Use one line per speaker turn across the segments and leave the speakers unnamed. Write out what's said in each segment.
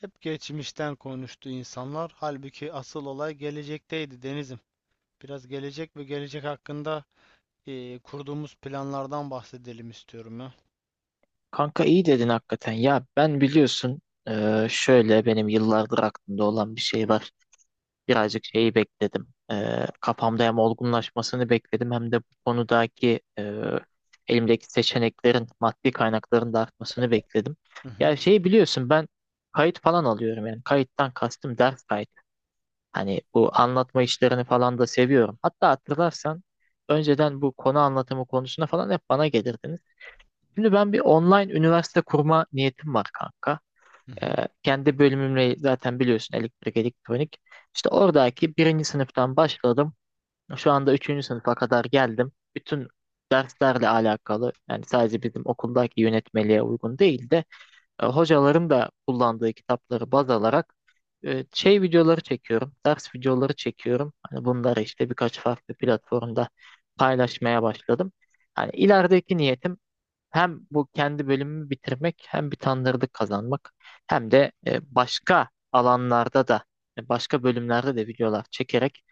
Hep geçmişten konuştu insanlar. Halbuki asıl olay gelecekteydi Denizim. Biraz gelecek ve gelecek hakkında kurduğumuz planlardan bahsedelim istiyorum ya.
Kanka iyi dedin hakikaten. Ya ben biliyorsun şöyle benim yıllardır aklımda olan bir şey var. Birazcık şeyi bekledim. Kafamda hem olgunlaşmasını bekledim hem de bu konudaki elimdeki seçeneklerin maddi kaynakların da artmasını bekledim.
Hı hı,
Ya şeyi biliyorsun ben kayıt falan alıyorum, yani kayıttan kastım ders kayıt. Hani bu anlatma işlerini falan da seviyorum. Hatta hatırlarsan önceden bu konu anlatımı konusuna falan hep bana gelirdiniz. Şimdi ben bir online üniversite kurma niyetim var kanka.
hı hı.
Kendi bölümümle zaten biliyorsun elektrik elektronik. İşte oradaki birinci sınıftan başladım. Şu anda üçüncü sınıfa kadar geldim. Bütün derslerle alakalı, yani sadece bizim okuldaki yönetmeliğe uygun değil de hocaların da kullandığı kitapları baz alarak şey videoları çekiyorum. Ders videoları çekiyorum. Hani bunları işte birkaç farklı platformda paylaşmaya başladım. Hani ilerideki niyetim hem bu kendi bölümümü bitirmek, hem bir tanıdık kazanmak, hem de başka alanlarda da başka bölümlerde de videolar çekerek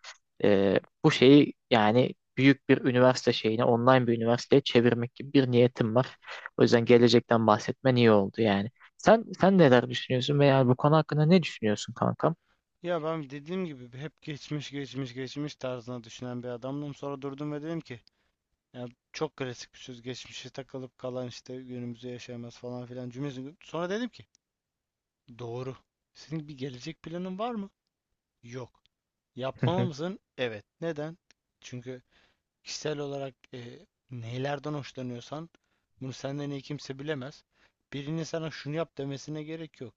bu şeyi, yani büyük bir üniversite şeyine, online bir üniversiteye çevirmek gibi bir niyetim var. O yüzden gelecekten bahsetmen iyi oldu yani. Sen neler düşünüyorsun veya bu konu hakkında ne düşünüyorsun kankam?
Ya ben dediğim gibi hep geçmiş geçmiş geçmiş tarzına düşünen bir adamdım. Sonra durdum ve dedim ki ya, çok klasik bir söz geçmişe takılıp kalan işte günümüzü yaşayamaz falan filan cümlesi. Sonra dedim ki doğru. Senin bir gelecek planın var mı? Yok. Yapmalı mısın? Evet. Neden? Çünkü kişisel olarak neylerden hoşlanıyorsan bunu senden iyi kimse bilemez. Birinin sana şunu yap demesine gerek yok.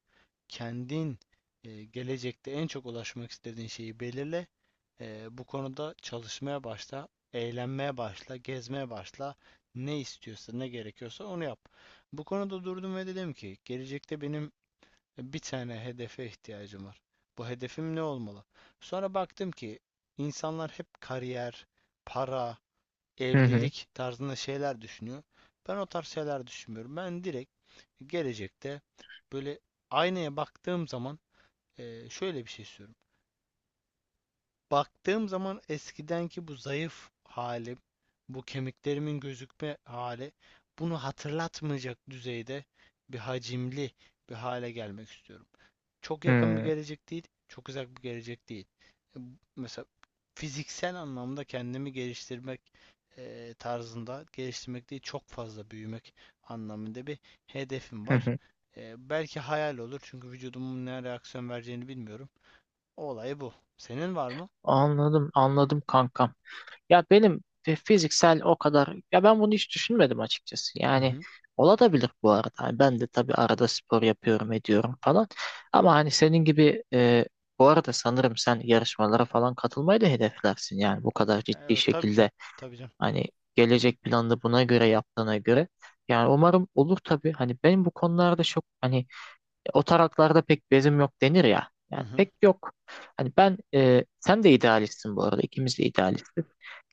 Kendin gelecekte en çok ulaşmak istediğin şeyi belirle. Bu konuda çalışmaya başla, eğlenmeye başla, gezmeye başla. Ne istiyorsa, ne gerekiyorsa onu yap. Bu konuda durdum ve dedim ki gelecekte benim bir tane hedefe ihtiyacım var. Bu hedefim ne olmalı? Sonra baktım ki insanlar hep kariyer, para, evlilik tarzında şeyler düşünüyor. Ben o tarz şeyler düşünmüyorum. Ben direkt gelecekte böyle aynaya baktığım zaman şöyle bir şey istiyorum. Baktığım zaman eskidenki bu zayıf halim, bu kemiklerimin gözükme hali bunu hatırlatmayacak düzeyde bir hacimli bir hale gelmek istiyorum. Çok yakın bir gelecek değil, çok uzak bir gelecek değil. E, Mesela fiziksel anlamda kendimi geliştirmek, tarzında geliştirmek değil, çok fazla büyümek anlamında bir hedefim var. Belki hayal olur çünkü vücudumun ne reaksiyon vereceğini bilmiyorum. O olay bu. Senin var mı?
Anladım, anladım kankam. Ya benim fiziksel o kadar, ya ben bunu hiç düşünmedim açıkçası.
Hı
Yani
hı.
olabilir bu arada. Hani ben de tabii arada spor yapıyorum, ediyorum falan. Ama hani senin gibi bu arada sanırım sen yarışmalara falan katılmayı da hedeflersin. Yani bu kadar ciddi
O tabii canım.
şekilde,
Tabii canım.
hani gelecek planını buna göre yaptığına göre. Yani umarım olur tabii. Hani benim bu konularda çok, hani o taraklarda pek bezim yok denir ya.
Hı
Yani
hı.
pek yok. Hani ben sen de idealistsin bu arada. İkimiz de idealistiz.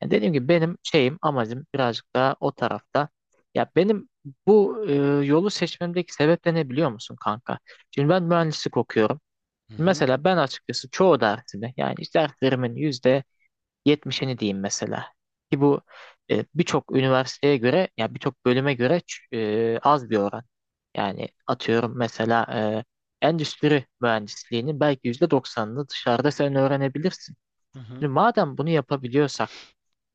Yani dediğim gibi benim şeyim, amacım birazcık daha o tarafta. Ya benim bu yolu seçmemdeki sebep de ne biliyor musun kanka? Şimdi ben mühendislik okuyorum.
Hı
Şimdi
hı.
mesela ben açıkçası çoğu dersimi, yani işte derslerimin yüzde 70'ini diyeyim mesela. Ki bu birçok üniversiteye göre, ya birçok bölüme göre az bir oran. Yani atıyorum mesela endüstri mühendisliğinin belki %90'ını dışarıda sen öğrenebilirsin.
Hı hı.
Şimdi madem bunu yapabiliyorsak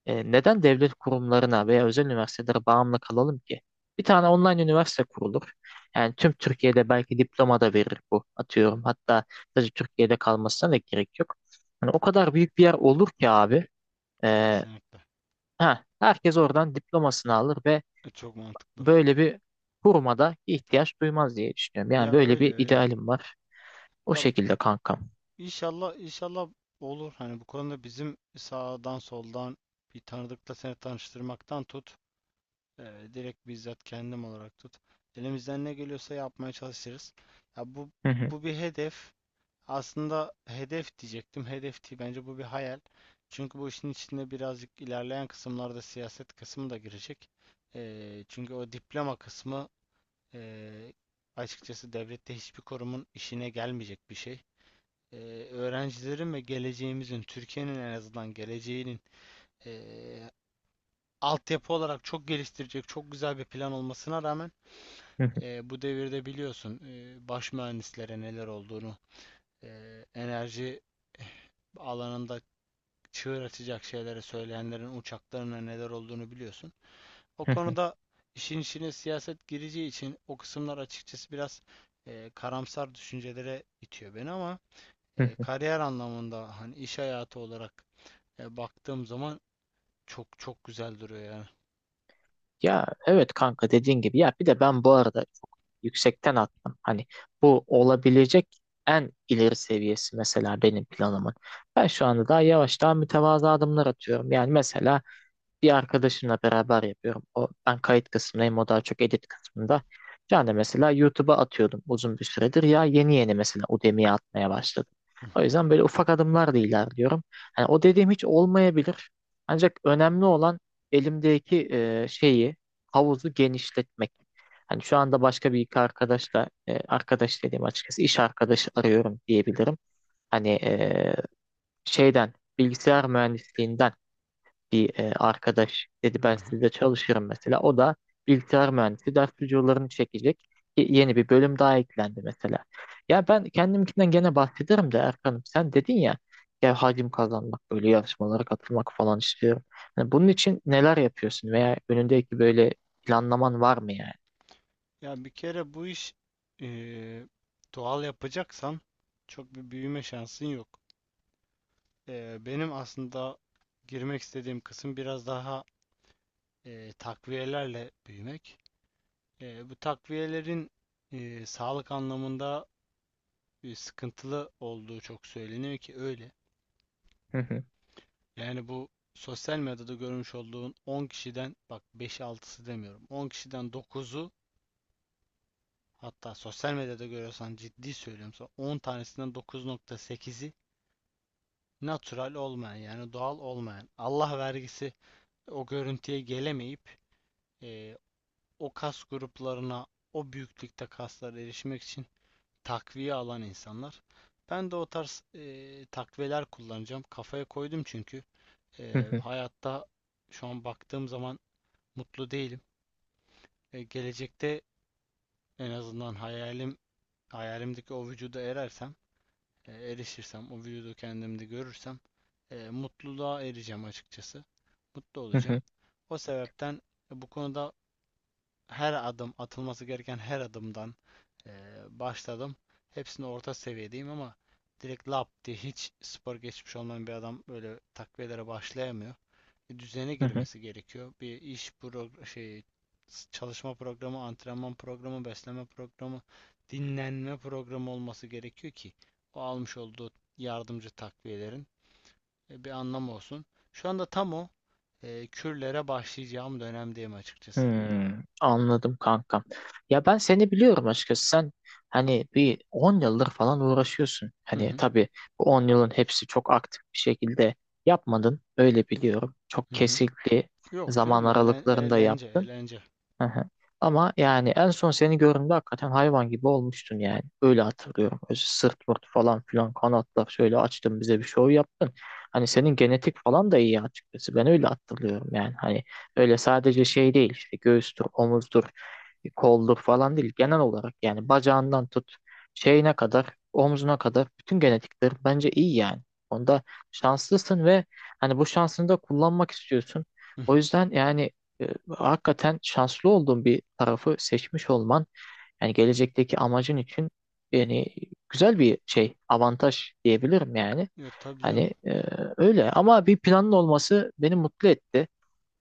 neden devlet kurumlarına veya özel üniversitelere bağımlı kalalım ki? Bir tane online üniversite kurulur. Yani tüm Türkiye'de belki diploma da verir bu, atıyorum. Hatta sadece Türkiye'de kalmasına da gerek yok. Hani o kadar büyük bir yer olur ki abi. E,
Kesinlikle.
Ha, herkes oradan diplomasını alır ve
Çok mantıklı.
böyle bir kuruma da ihtiyaç duymaz diye düşünüyorum. Yani
Ya
böyle
öyle
bir
öyle.
idealim var. O
Ya,
şekilde kankam.
İnşallah inşallah olur. Hani bu konuda bizim sağdan soldan bir tanıdıkla seni tanıştırmaktan tut, direkt bizzat kendim olarak tut. Elimizden ne geliyorsa yapmaya çalışırız. Ya bu
Hı hı,
bu bir hedef. Aslında hedef diyecektim. Hedef değil. Bence bu bir hayal. Çünkü bu işin içinde birazcık ilerleyen kısımlarda siyaset kısmı da girecek. Çünkü o diploma kısmı, eee, açıkçası devlette hiçbir kurumun işine gelmeyecek bir şey, e, öğrencilerin ve geleceğimizin, Türkiye'nin en azından geleceğinin e, altyapı olarak çok geliştirecek, çok güzel bir plan olmasına rağmen
hı hı,
bu devirde biliyorsun, baş mühendislere neler olduğunu, enerji alanında çığır açacak şeyleri söyleyenlerin uçaklarına neler olduğunu biliyorsun. O
hı hı,
konuda işin içine siyaset gireceği için o kısımlar açıkçası biraz karamsar düşüncelere itiyor beni, ama
hı hı.
kariyer anlamında hani iş hayatı olarak, baktığım zaman çok çok güzel duruyor yani.
Ya evet kanka, dediğin gibi, ya bir de ben bu arada çok yüksekten attım. Hani bu olabilecek en ileri seviyesi mesela benim planımın. Ben şu anda daha yavaş, daha mütevazı adımlar atıyorum. Yani mesela bir arkadaşımla beraber yapıyorum. O, ben kayıt kısmındayım, o daha çok edit kısmında. Yani mesela YouTube'a atıyordum uzun bir süredir, ya yeni yeni mesela Udemy'ye atmaya başladım.
Hı
O
hı.
yüzden böyle ufak adımlarla ilerliyorum. Yani o dediğim hiç olmayabilir. Ancak önemli olan elimdeki şeyi, havuzu genişletmek. Hani şu anda başka bir iki arkadaşla, arkadaş dediğim açıkçası iş arkadaşı arıyorum diyebilirim. Hani şeyden, bilgisayar mühendisliğinden bir arkadaş dedi
Hı
ben
hı.
sizde çalışırım mesela. O da bilgisayar mühendisi, ders videolarını çekecek. Yeni bir bölüm daha eklendi mesela. Ya ben kendimkinden gene bahsederim de, Erkan'ım sen dedin ya, ya hacim kazanmak, böyle yarışmalara katılmak falan istiyorum. Hani bunun için neler yapıyorsun veya önündeki böyle planlaman var mı yani?
Ya bir kere bu iş, e, doğal yapacaksan çok bir büyüme şansın yok. Benim aslında girmek istediğim kısım biraz daha takviyelerle büyümek. Bu takviyelerin sağlık anlamında sıkıntılı olduğu çok söyleniyor, ki öyle.
Hı hı,
Yani bu sosyal medyada görmüş olduğun 10 kişiden, bak, beş altısı demiyorum, 10 kişiden dokuzu. Hatta sosyal medyada görüyorsan, ciddi söylüyorum sana, 10 tanesinden 9,8'i natural olmayan, yani doğal olmayan, Allah vergisi o görüntüye gelemeyip, e, o kas gruplarına, o büyüklükte kaslara erişmek için takviye alan insanlar. Ben de o tarz takviyeler kullanacağım. Kafaya koydum, çünkü
hı hı,
hayatta şu an baktığım zaman mutlu değilim. Gelecekte en azından hayalim, hayalimdeki o vücuda erersem, erişirsem, o videoda kendimde görürsem, mutluluğa ereceğim açıkçası. Mutlu
hı
olacağım.
hı,
O sebepten bu konuda her adım, atılması gereken her adımdan e, başladım. Hepsini orta seviyedeyim, ama direkt lap diye hiç spor geçmiş olmayan bir adam böyle takviyelere başlayamıyor, düzene
hı hı.
girmesi gerekiyor. Bir iş pro şey, çalışma programı, antrenman programı, beslenme programı, dinlenme programı olması gerekiyor ki o almış olduğu yardımcı takviyelerin bir anlamı olsun. Şu anda tam o kürlere başlayacağım dönemdeyim açıkçası.
Anladım kankam. Ya ben seni biliyorum açıkçası. Sen hani bir 10 yıldır falan uğraşıyorsun.
Hı
Hani
hı,
tabii bu 10 yılın hepsi çok aktif bir şekilde yapmadın. Öyle biliyorum. Çok
hı hı.
kesikli
Yok
zaman
canım,
aralıklarında
eğlence
yaptın.
eğlence.
Hı hı. Ama yani en son seni gördüğümde hakikaten hayvan gibi olmuştun yani. Öyle hatırlıyorum. Öyle sırt pırt falan filan, kanatlar şöyle açtın, bize bir şov yaptın. Hani senin genetik falan da iyi açıkçası. Ben öyle hatırlıyorum yani. Hani öyle sadece şey değil, işte göğüstür, omuzdur, koldur falan değil. Genel olarak yani bacağından tut, şeyine kadar, omzuna kadar bütün genetikler bence iyi yani. Onda şanslısın ve hani bu şansını da kullanmak istiyorsun.
Hı
O
hı.
yüzden yani hakikaten şanslı olduğun bir tarafı seçmiş olman, yani gelecekteki amacın için, yani güzel bir şey, avantaj diyebilirim yani.
Ya tabii canım.
Hani öyle, ama bir planın olması beni mutlu etti.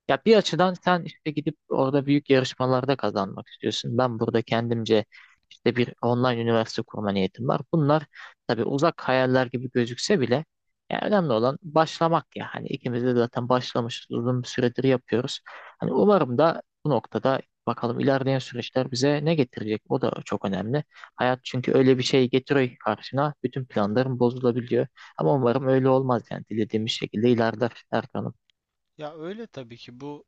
Ya bir açıdan sen işte gidip orada büyük yarışmalarda kazanmak istiyorsun. Ben burada kendimce işte bir online üniversite kurma niyetim var. Bunlar tabii uzak hayaller gibi gözükse bile, ya önemli olan başlamak ya. Hani ikimiz de zaten başlamışız, uzun bir süredir yapıyoruz. Hani umarım da, bu noktada bakalım, ilerleyen süreçler bize ne getirecek? O da çok önemli. Hayat çünkü öyle bir şey getiriyor ki karşına. Bütün planların bozulabiliyor. Ama umarım öyle olmaz, yani dilediğimiz şekilde ilerler Erkan'ım.
Ya öyle, tabii ki bu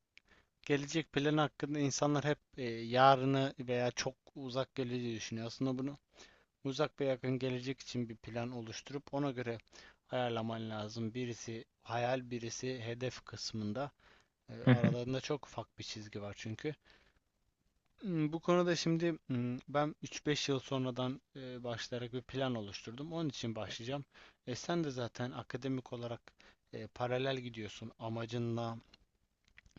gelecek planı hakkında insanlar hep yarını veya çok uzak geleceği düşünüyor. Aslında bunu uzak ve yakın gelecek için bir plan oluşturup ona göre ayarlaman lazım. Birisi hayal, birisi hedef kısmında.
Hı hı,
Aralarında çok ufak bir çizgi var çünkü. Bu konuda şimdi, ben 3-5 yıl sonradan başlayarak bir plan oluşturdum. Onun için başlayacağım. Sen de zaten akademik olarak paralel gidiyorsun amacınla,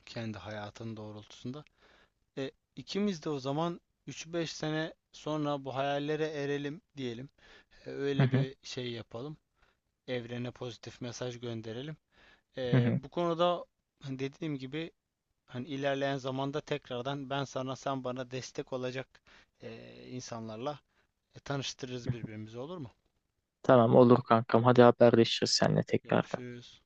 kendi hayatın doğrultusunda. E, ikimiz de o zaman 3-5 sene sonra bu hayallere erelim diyelim.
hı
Öyle
hı,
bir şey yapalım. Evrene pozitif mesaj gönderelim.
hı hı.
Bu konuda, hani dediğim gibi, hani ilerleyen zamanda tekrardan ben sana, sen bana destek olacak insanlarla tanıştırırız birbirimizi, olur mu?
Tamam, olur kankam. Hadi haberleşiriz seninle tekrar.
Görüşürüz.